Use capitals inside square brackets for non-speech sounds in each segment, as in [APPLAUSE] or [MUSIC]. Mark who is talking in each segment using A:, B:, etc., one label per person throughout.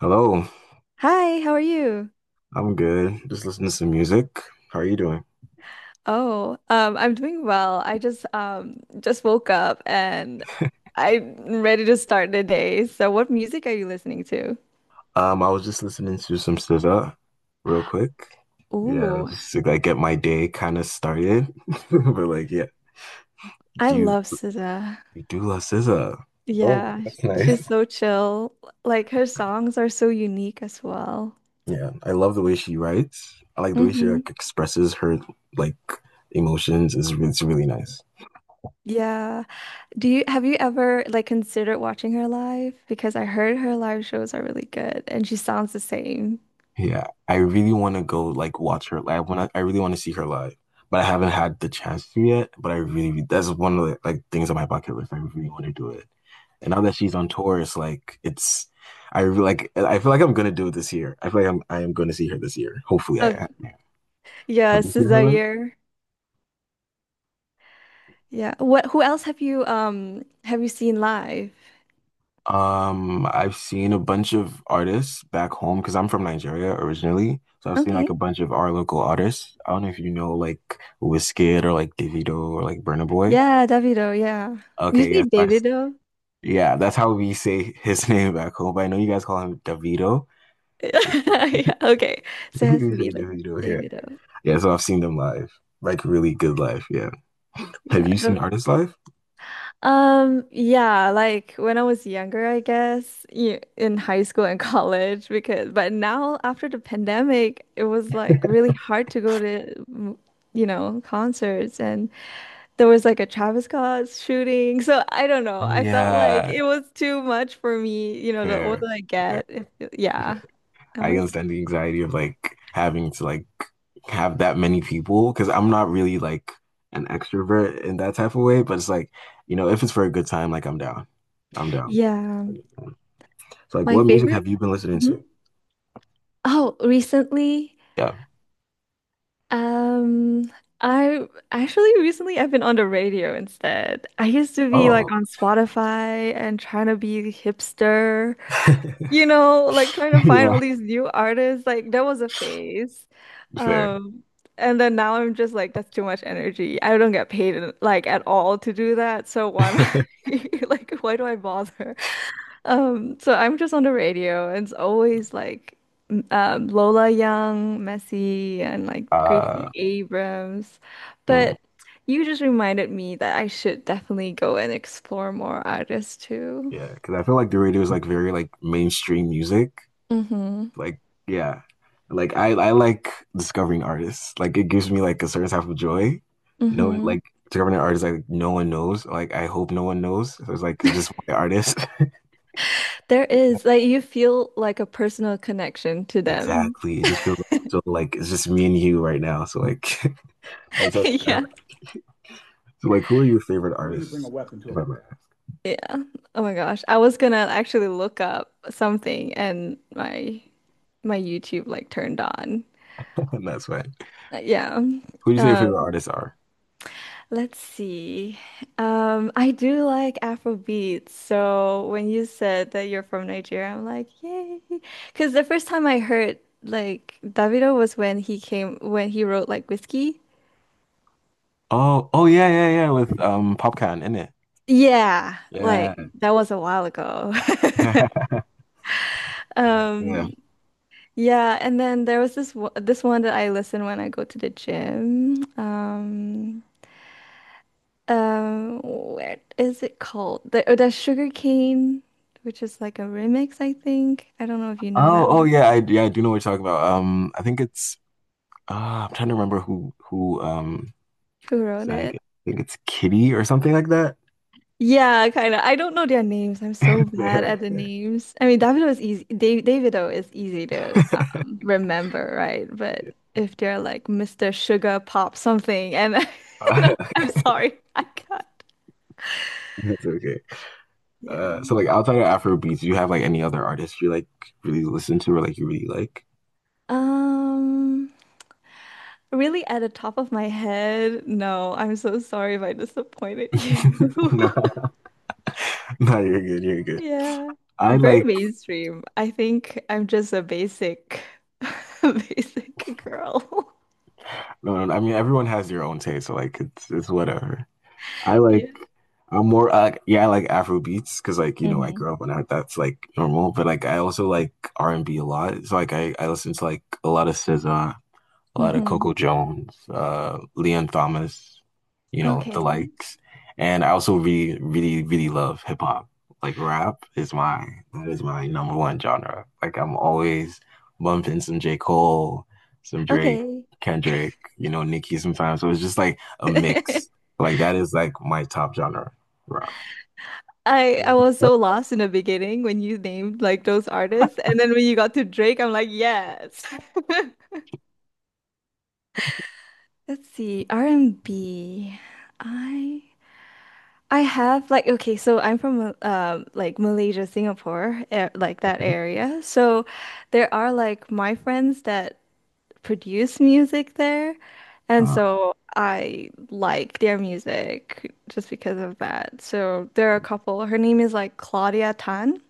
A: Hello,
B: Hi, how are you?
A: I'm good. Just listening to some music. How are you doing?
B: Oh, I'm doing well. I just woke up and I'm ready to start the day. So what music are you listening to?
A: I was just listening to some SZA real quick. Yeah,
B: Ooh,
A: just to like get my day kind of started. [LAUGHS] But like, yeah,
B: I
A: do you
B: love SZA.
A: you do love SZA? Oh,
B: Yeah,
A: that's nice.
B: she's so
A: [LAUGHS]
B: chill. Like her songs are so unique as well.
A: Yeah, I love the way she writes. I like the way she like
B: Mm-hmm.
A: expresses her like emotions. It's really nice.
B: Yeah. Do you have you ever like considered watching her live? Because I heard her live shows are really good and she sounds the same.
A: Yeah, I really want to go like watch her live. I really want to see her live, but I haven't had the chance to yet. But I really that's one of the like things on my bucket list. I really want to do it. And now that she's on tour, it's like it's I really like I feel like I'm gonna do it this year. I feel like I am gonna see her this year. Hopefully,
B: Oh,
A: I
B: yeah,
A: have you seen her
B: SZA
A: live?
B: year. Yeah. Who else have you seen live?
A: I've seen a bunch of artists back home because I'm from Nigeria originally. So I've seen like a
B: Okay.
A: bunch of our local artists. I don't know if you know like Wizkid or like Davido or like Burna Boy.
B: Yeah, Davido, yeah. Do you
A: Okay,
B: say
A: yes.
B: Davido? [LAUGHS]
A: Yeah, that's how we say his [LAUGHS] name back home. But I know you guys call him Davido. [LAUGHS]
B: Yeah, okay. So it has
A: We
B: to be
A: say
B: like
A: Davido here.
B: Davido.
A: Yeah, so I've seen them live. Like really good live, yeah. Have
B: Yeah.
A: you seen artists live?
B: Yeah, like when I was younger, I guess, in high school and [LAUGHS] college, because but now after the pandemic, it was like really hard to go to, you know, concerts, and there was like a Travis Scott shooting. So I don't know.
A: Oh
B: I felt like
A: yeah.
B: it was too much for me, you know, the
A: Fair.
B: older I
A: Fair.
B: get.
A: Fair.
B: Yeah. I'm
A: I
B: like,
A: understand the anxiety of like having to like have that many people because I'm not really like an extrovert in that type of way, but it's like, you know, if it's for a good time, like I'm down. I'm down.
B: yeah.
A: So like
B: My
A: what music
B: favorite.
A: have you been listening to?
B: Mhm. Oh, recently,
A: Yeah.
B: um, I actually recently I've been on the radio instead. I used to be like
A: Oh.
B: on Spotify and trying to be hipster.
A: [LAUGHS]
B: You know, like trying to find
A: Yeah,
B: all these new artists. Like there was a phase.
A: fair.
B: Um, and then now I'm just like, that's too much energy. I don't get paid like at all to do that. So why am I
A: [LAUGHS]
B: [LAUGHS] like, why do I bother? So I'm just on the radio, and it's always like Lola Young, Messi, and like
A: Uh,
B: Gracie Abrams.
A: mm,
B: But you just reminded me that I should definitely go and explore more artists too.
A: yeah, because I feel like the radio is like very like mainstream music.
B: Mm-hmm.
A: Like, yeah, like I like discovering artists. Like, it gives me like a certain type of joy. No,
B: Mm-hmm.
A: like discovering an artist like no one knows. Like, I hope no one knows. So it's like it's just my artist. [LAUGHS]
B: There is like you feel like a personal connection to them.
A: Exactly. It just feels so like it's just me and you right now. So like, [LAUGHS] that's
B: [LAUGHS]
A: that's- I
B: Yeah.
A: like. So like, who are your favorite artists? If I might,
B: Yeah. Oh my gosh. I was gonna actually look up something, and my YouTube like turned on.
A: [LAUGHS] that's fine.
B: Yeah.
A: Who do you say your favorite
B: Um,
A: artists are?
B: let's see. I do like Afro beats. So when you said that you're from Nigeria, I'm like, yay. Because the first time I heard like Davido was when he wrote like Whiskey.
A: Oh, oh yeah, yeah, yeah. With Popcan in it.
B: Yeah,
A: Yeah.
B: like that was a while ago. [LAUGHS]
A: [LAUGHS] Right, yeah.
B: Um, yeah, and then there was this this one that I listen when I go to the gym. Where is it called? The Sugar Cane, which is like a remix, I think. I don't know if you know
A: Oh,
B: that
A: oh
B: one.
A: yeah, I do know what you're talking about. I think it's I'm trying to remember who
B: Who wrote
A: sang
B: it?
A: it. I think it's Kitty or something like that.
B: Yeah, kind of. I don't know their names. I'm so
A: [LAUGHS]
B: bad
A: Fair.
B: at the names. I mean, Davido is easy. Dave Davido is easy to remember, right? But if they're like Mr. Sugar Pop something, and [LAUGHS] no,
A: Uh, [LAUGHS]
B: I'm sorry, I can't.
A: that's okay.
B: Yeah.
A: So like outside of Afrobeats, do you have like any other artists you like really listen to or like you really like?
B: Um, Really at the top of my head, no, I'm so sorry if I disappointed
A: [LAUGHS] No,
B: you. [LAUGHS]
A: no, you're good, you're good.
B: Yeah.
A: I
B: Very
A: like
B: mainstream. I think I'm just a basic, [LAUGHS] basic girl. [LAUGHS]
A: no, no, no, I mean everyone has their own taste, so like it's whatever. I like
B: Yeah.
A: I'm more like yeah, I like Afro beats because like you know I
B: Mhm.
A: grew up on that. That's like normal, but like I also like R and B a lot. So like I listen to like a lot of SZA a lot of
B: Hmm.
A: Coco Jones, Leon Thomas, you know, the
B: Okay.
A: likes. And I also really, really, really love hip hop. Like rap is my that is my number one genre. Like I'm always bumping some J. Cole, some Drake,
B: Okay.
A: Kendrick, you know, Nicki sometimes. So it's just like a mix.
B: [LAUGHS]
A: Like that is like my top genre, rap.
B: I was so lost in the beginning when you named like those artists, and then when you got to Drake, I'm like, yes. [LAUGHS] Let's see, R and B. I have like okay, so I'm from like Malaysia, Singapore, eh, like that area. So there are like my friends that produce music there. And
A: Uh,
B: so I like their music just because of that. So there are a couple. Her name is like Claudia Tan,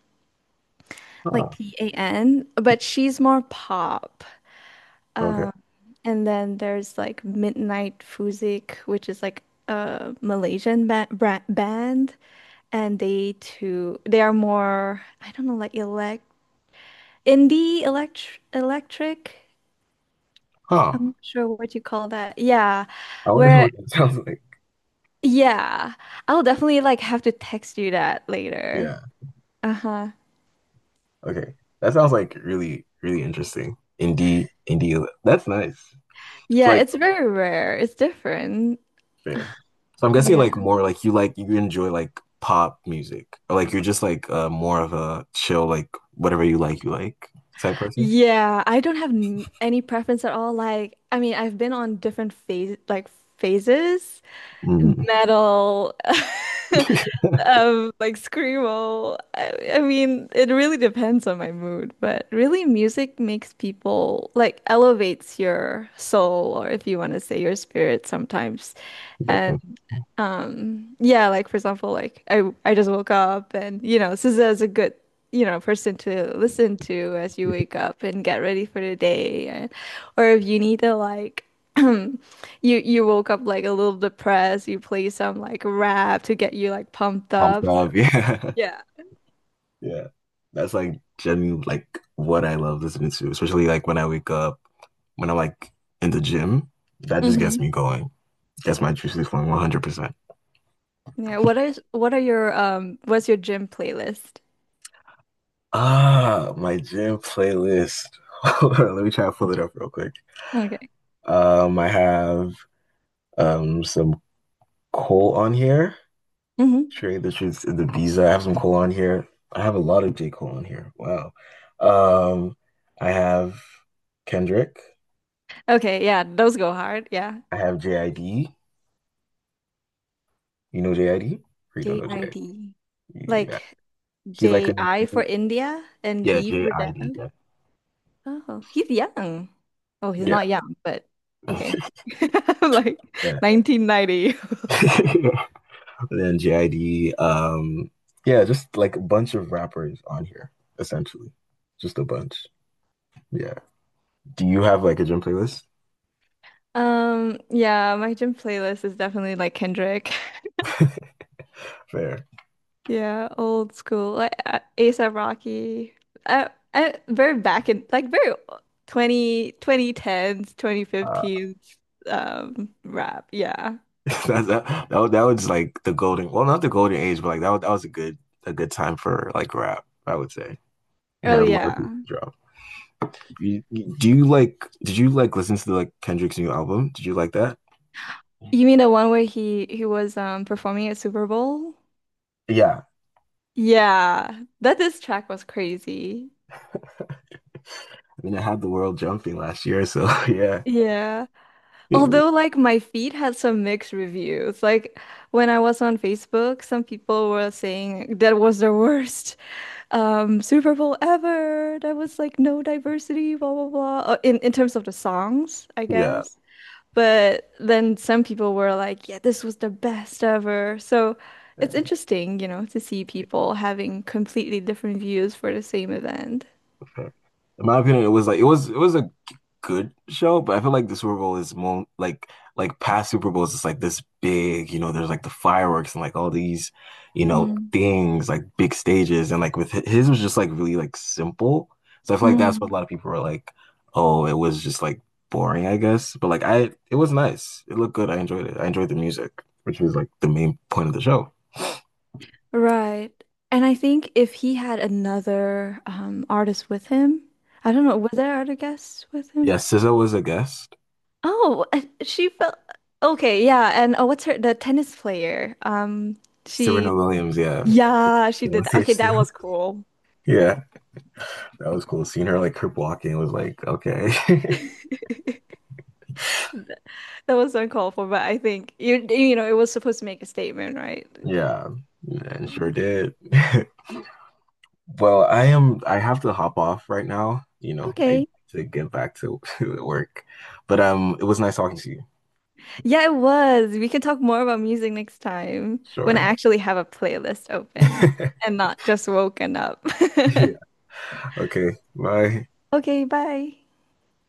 B: like
A: huh.
B: Tan, but she's more pop.
A: Okay.
B: Um, and then there's like Midnight Fuzik, which is like a Malaysian ba bra band, and they are more I don't know like elect indie electric.
A: Huh.
B: I'm not sure what you call that. Yeah.
A: I wonder
B: Where
A: what that sounds like.
B: Yeah, I'll definitely like have to text you that later.
A: Yeah.
B: Uh-huh.
A: Okay. That sounds like really, really interesting. Indie, indie. That's nice. It's
B: Yeah,
A: like
B: it's very rare. It's different.
A: fair. So I'm guessing like
B: Yeah.
A: more like you enjoy like pop music or like you're just like more of a chill like whatever you like type person.
B: Yeah, I don't have n any preference at all. Like, I mean, I've been on different phases,
A: Mm,
B: metal, [LAUGHS]
A: [LAUGHS]
B: like screamo. I mean, it really depends on my mood, but really music makes people like elevates your soul or if you want to say your spirit sometimes. And
A: definitely.
B: Yeah, like for example, like I just woke up, and you know, SZA is a good, you know, person to listen to as you wake up and get ready for the day and or if you need to like [CLEARS THROAT] you you woke up like a little depressed, you play some like rap to get you like pumped
A: Pumped
B: up.
A: up. [LAUGHS] Yeah.
B: Yeah.
A: Yeah. That's like genuinely like what I love listening to, especially like when I wake up, when I'm like in the gym. That just gets
B: Hmm.
A: me going. Gets my juices flowing 100%.
B: Yeah. What are your what's your gym playlist?
A: Ah, my gym playlist. [LAUGHS] Hold on, let me try to pull it up real quick.
B: Okay.
A: I have some Cole on here.
B: Hmm.
A: Trade the Truth to the Visa. I have some Cole on here. I have a lot of J. Cole on here. Wow. Um, I have Kendrick.
B: Okay, yeah, those go hard. Yeah.
A: I have JID. You know JID? Or you don't know JID?
B: JID.
A: Yeah.
B: Like
A: He's like a
B: J I for
A: new-
B: India and
A: Yeah,
B: D for
A: JID.
B: Diamond. Oh, he's young. Oh, he's
A: Yeah.
B: not young, but okay. [LAUGHS] Like
A: Yeah. [LAUGHS]
B: 1990.
A: Yeah. [LAUGHS] And then JID, yeah, just like a bunch of rappers on here, essentially. Just a bunch. Yeah. Do you have like a gym playlist?
B: Yeah, my gym playlist is definitely like Kendrick. [LAUGHS]
A: Fair.
B: Yeah, old school, like A$AP Rocky. Very back in like very twenty twenty 2010s,
A: Uh,
B: 2015s rap. Yeah.
A: [LAUGHS] that was like the golden, well, not the golden age, but like that was a good time for like rap, I would say. We
B: Oh
A: had a lot of
B: yeah.
A: people drop. Do you like, did you like listen to like Kendrick's new album? Did you like that?
B: You mean the one where he was performing at Super Bowl?
A: Yeah.
B: Yeah, that this track was crazy.
A: I mean, I had the world jumping last year, so [LAUGHS] yeah.
B: Yeah. Although like my feed had some mixed reviews. Like when I was on Facebook, some people were saying that was the worst Super Bowl ever. That was like no diversity, blah blah blah. In terms of the songs, I
A: Yeah.
B: guess. But then some people were like, yeah, this was the best ever. So
A: Yeah.
B: it's interesting, you know, to see people having completely different views for the same event.
A: In my opinion, it was like it was a good show, but I feel like the Super Bowl is more like past Super Bowls. It's like this big, you know. There's like the fireworks and like all these, you know,
B: Mm.
A: things like big stages, and like with his was just like really like simple. So I feel like that's what a lot
B: Mm.
A: of people were like, oh, it was just like boring, I guess. But like I, it was nice. It looked good. I enjoyed it. I enjoyed the music, which was like the main point of the show.
B: Right. And I think if he had another artist with him, I don't know, were there other guests with
A: Yeah,
B: him?
A: SZA was a guest.
B: Oh, she felt Okay, yeah. And oh, what's her, the tennis player?
A: Serena
B: She
A: Williams, yeah,
B: Yeah, she
A: came on
B: did that. Okay,
A: stage too.
B: that
A: [LAUGHS]
B: was cool.
A: Yeah. That was cool. Seeing her like crip walking was like, okay. [LAUGHS]
B: That was uncalled for, but I think you know, it was supposed to make a statement, right?
A: Yeah, and sure did. [LAUGHS] Well, I am I have to hop off right now, you know, I
B: Okay.
A: to get back to, [LAUGHS] to work. But it was nice talking to you.
B: Yeah, it was. We can talk more about music next time when I
A: Sure.
B: actually have a playlist open
A: [LAUGHS]
B: and not just woken up.
A: Yeah.
B: [LAUGHS]
A: Okay. Bye.
B: Okay, bye.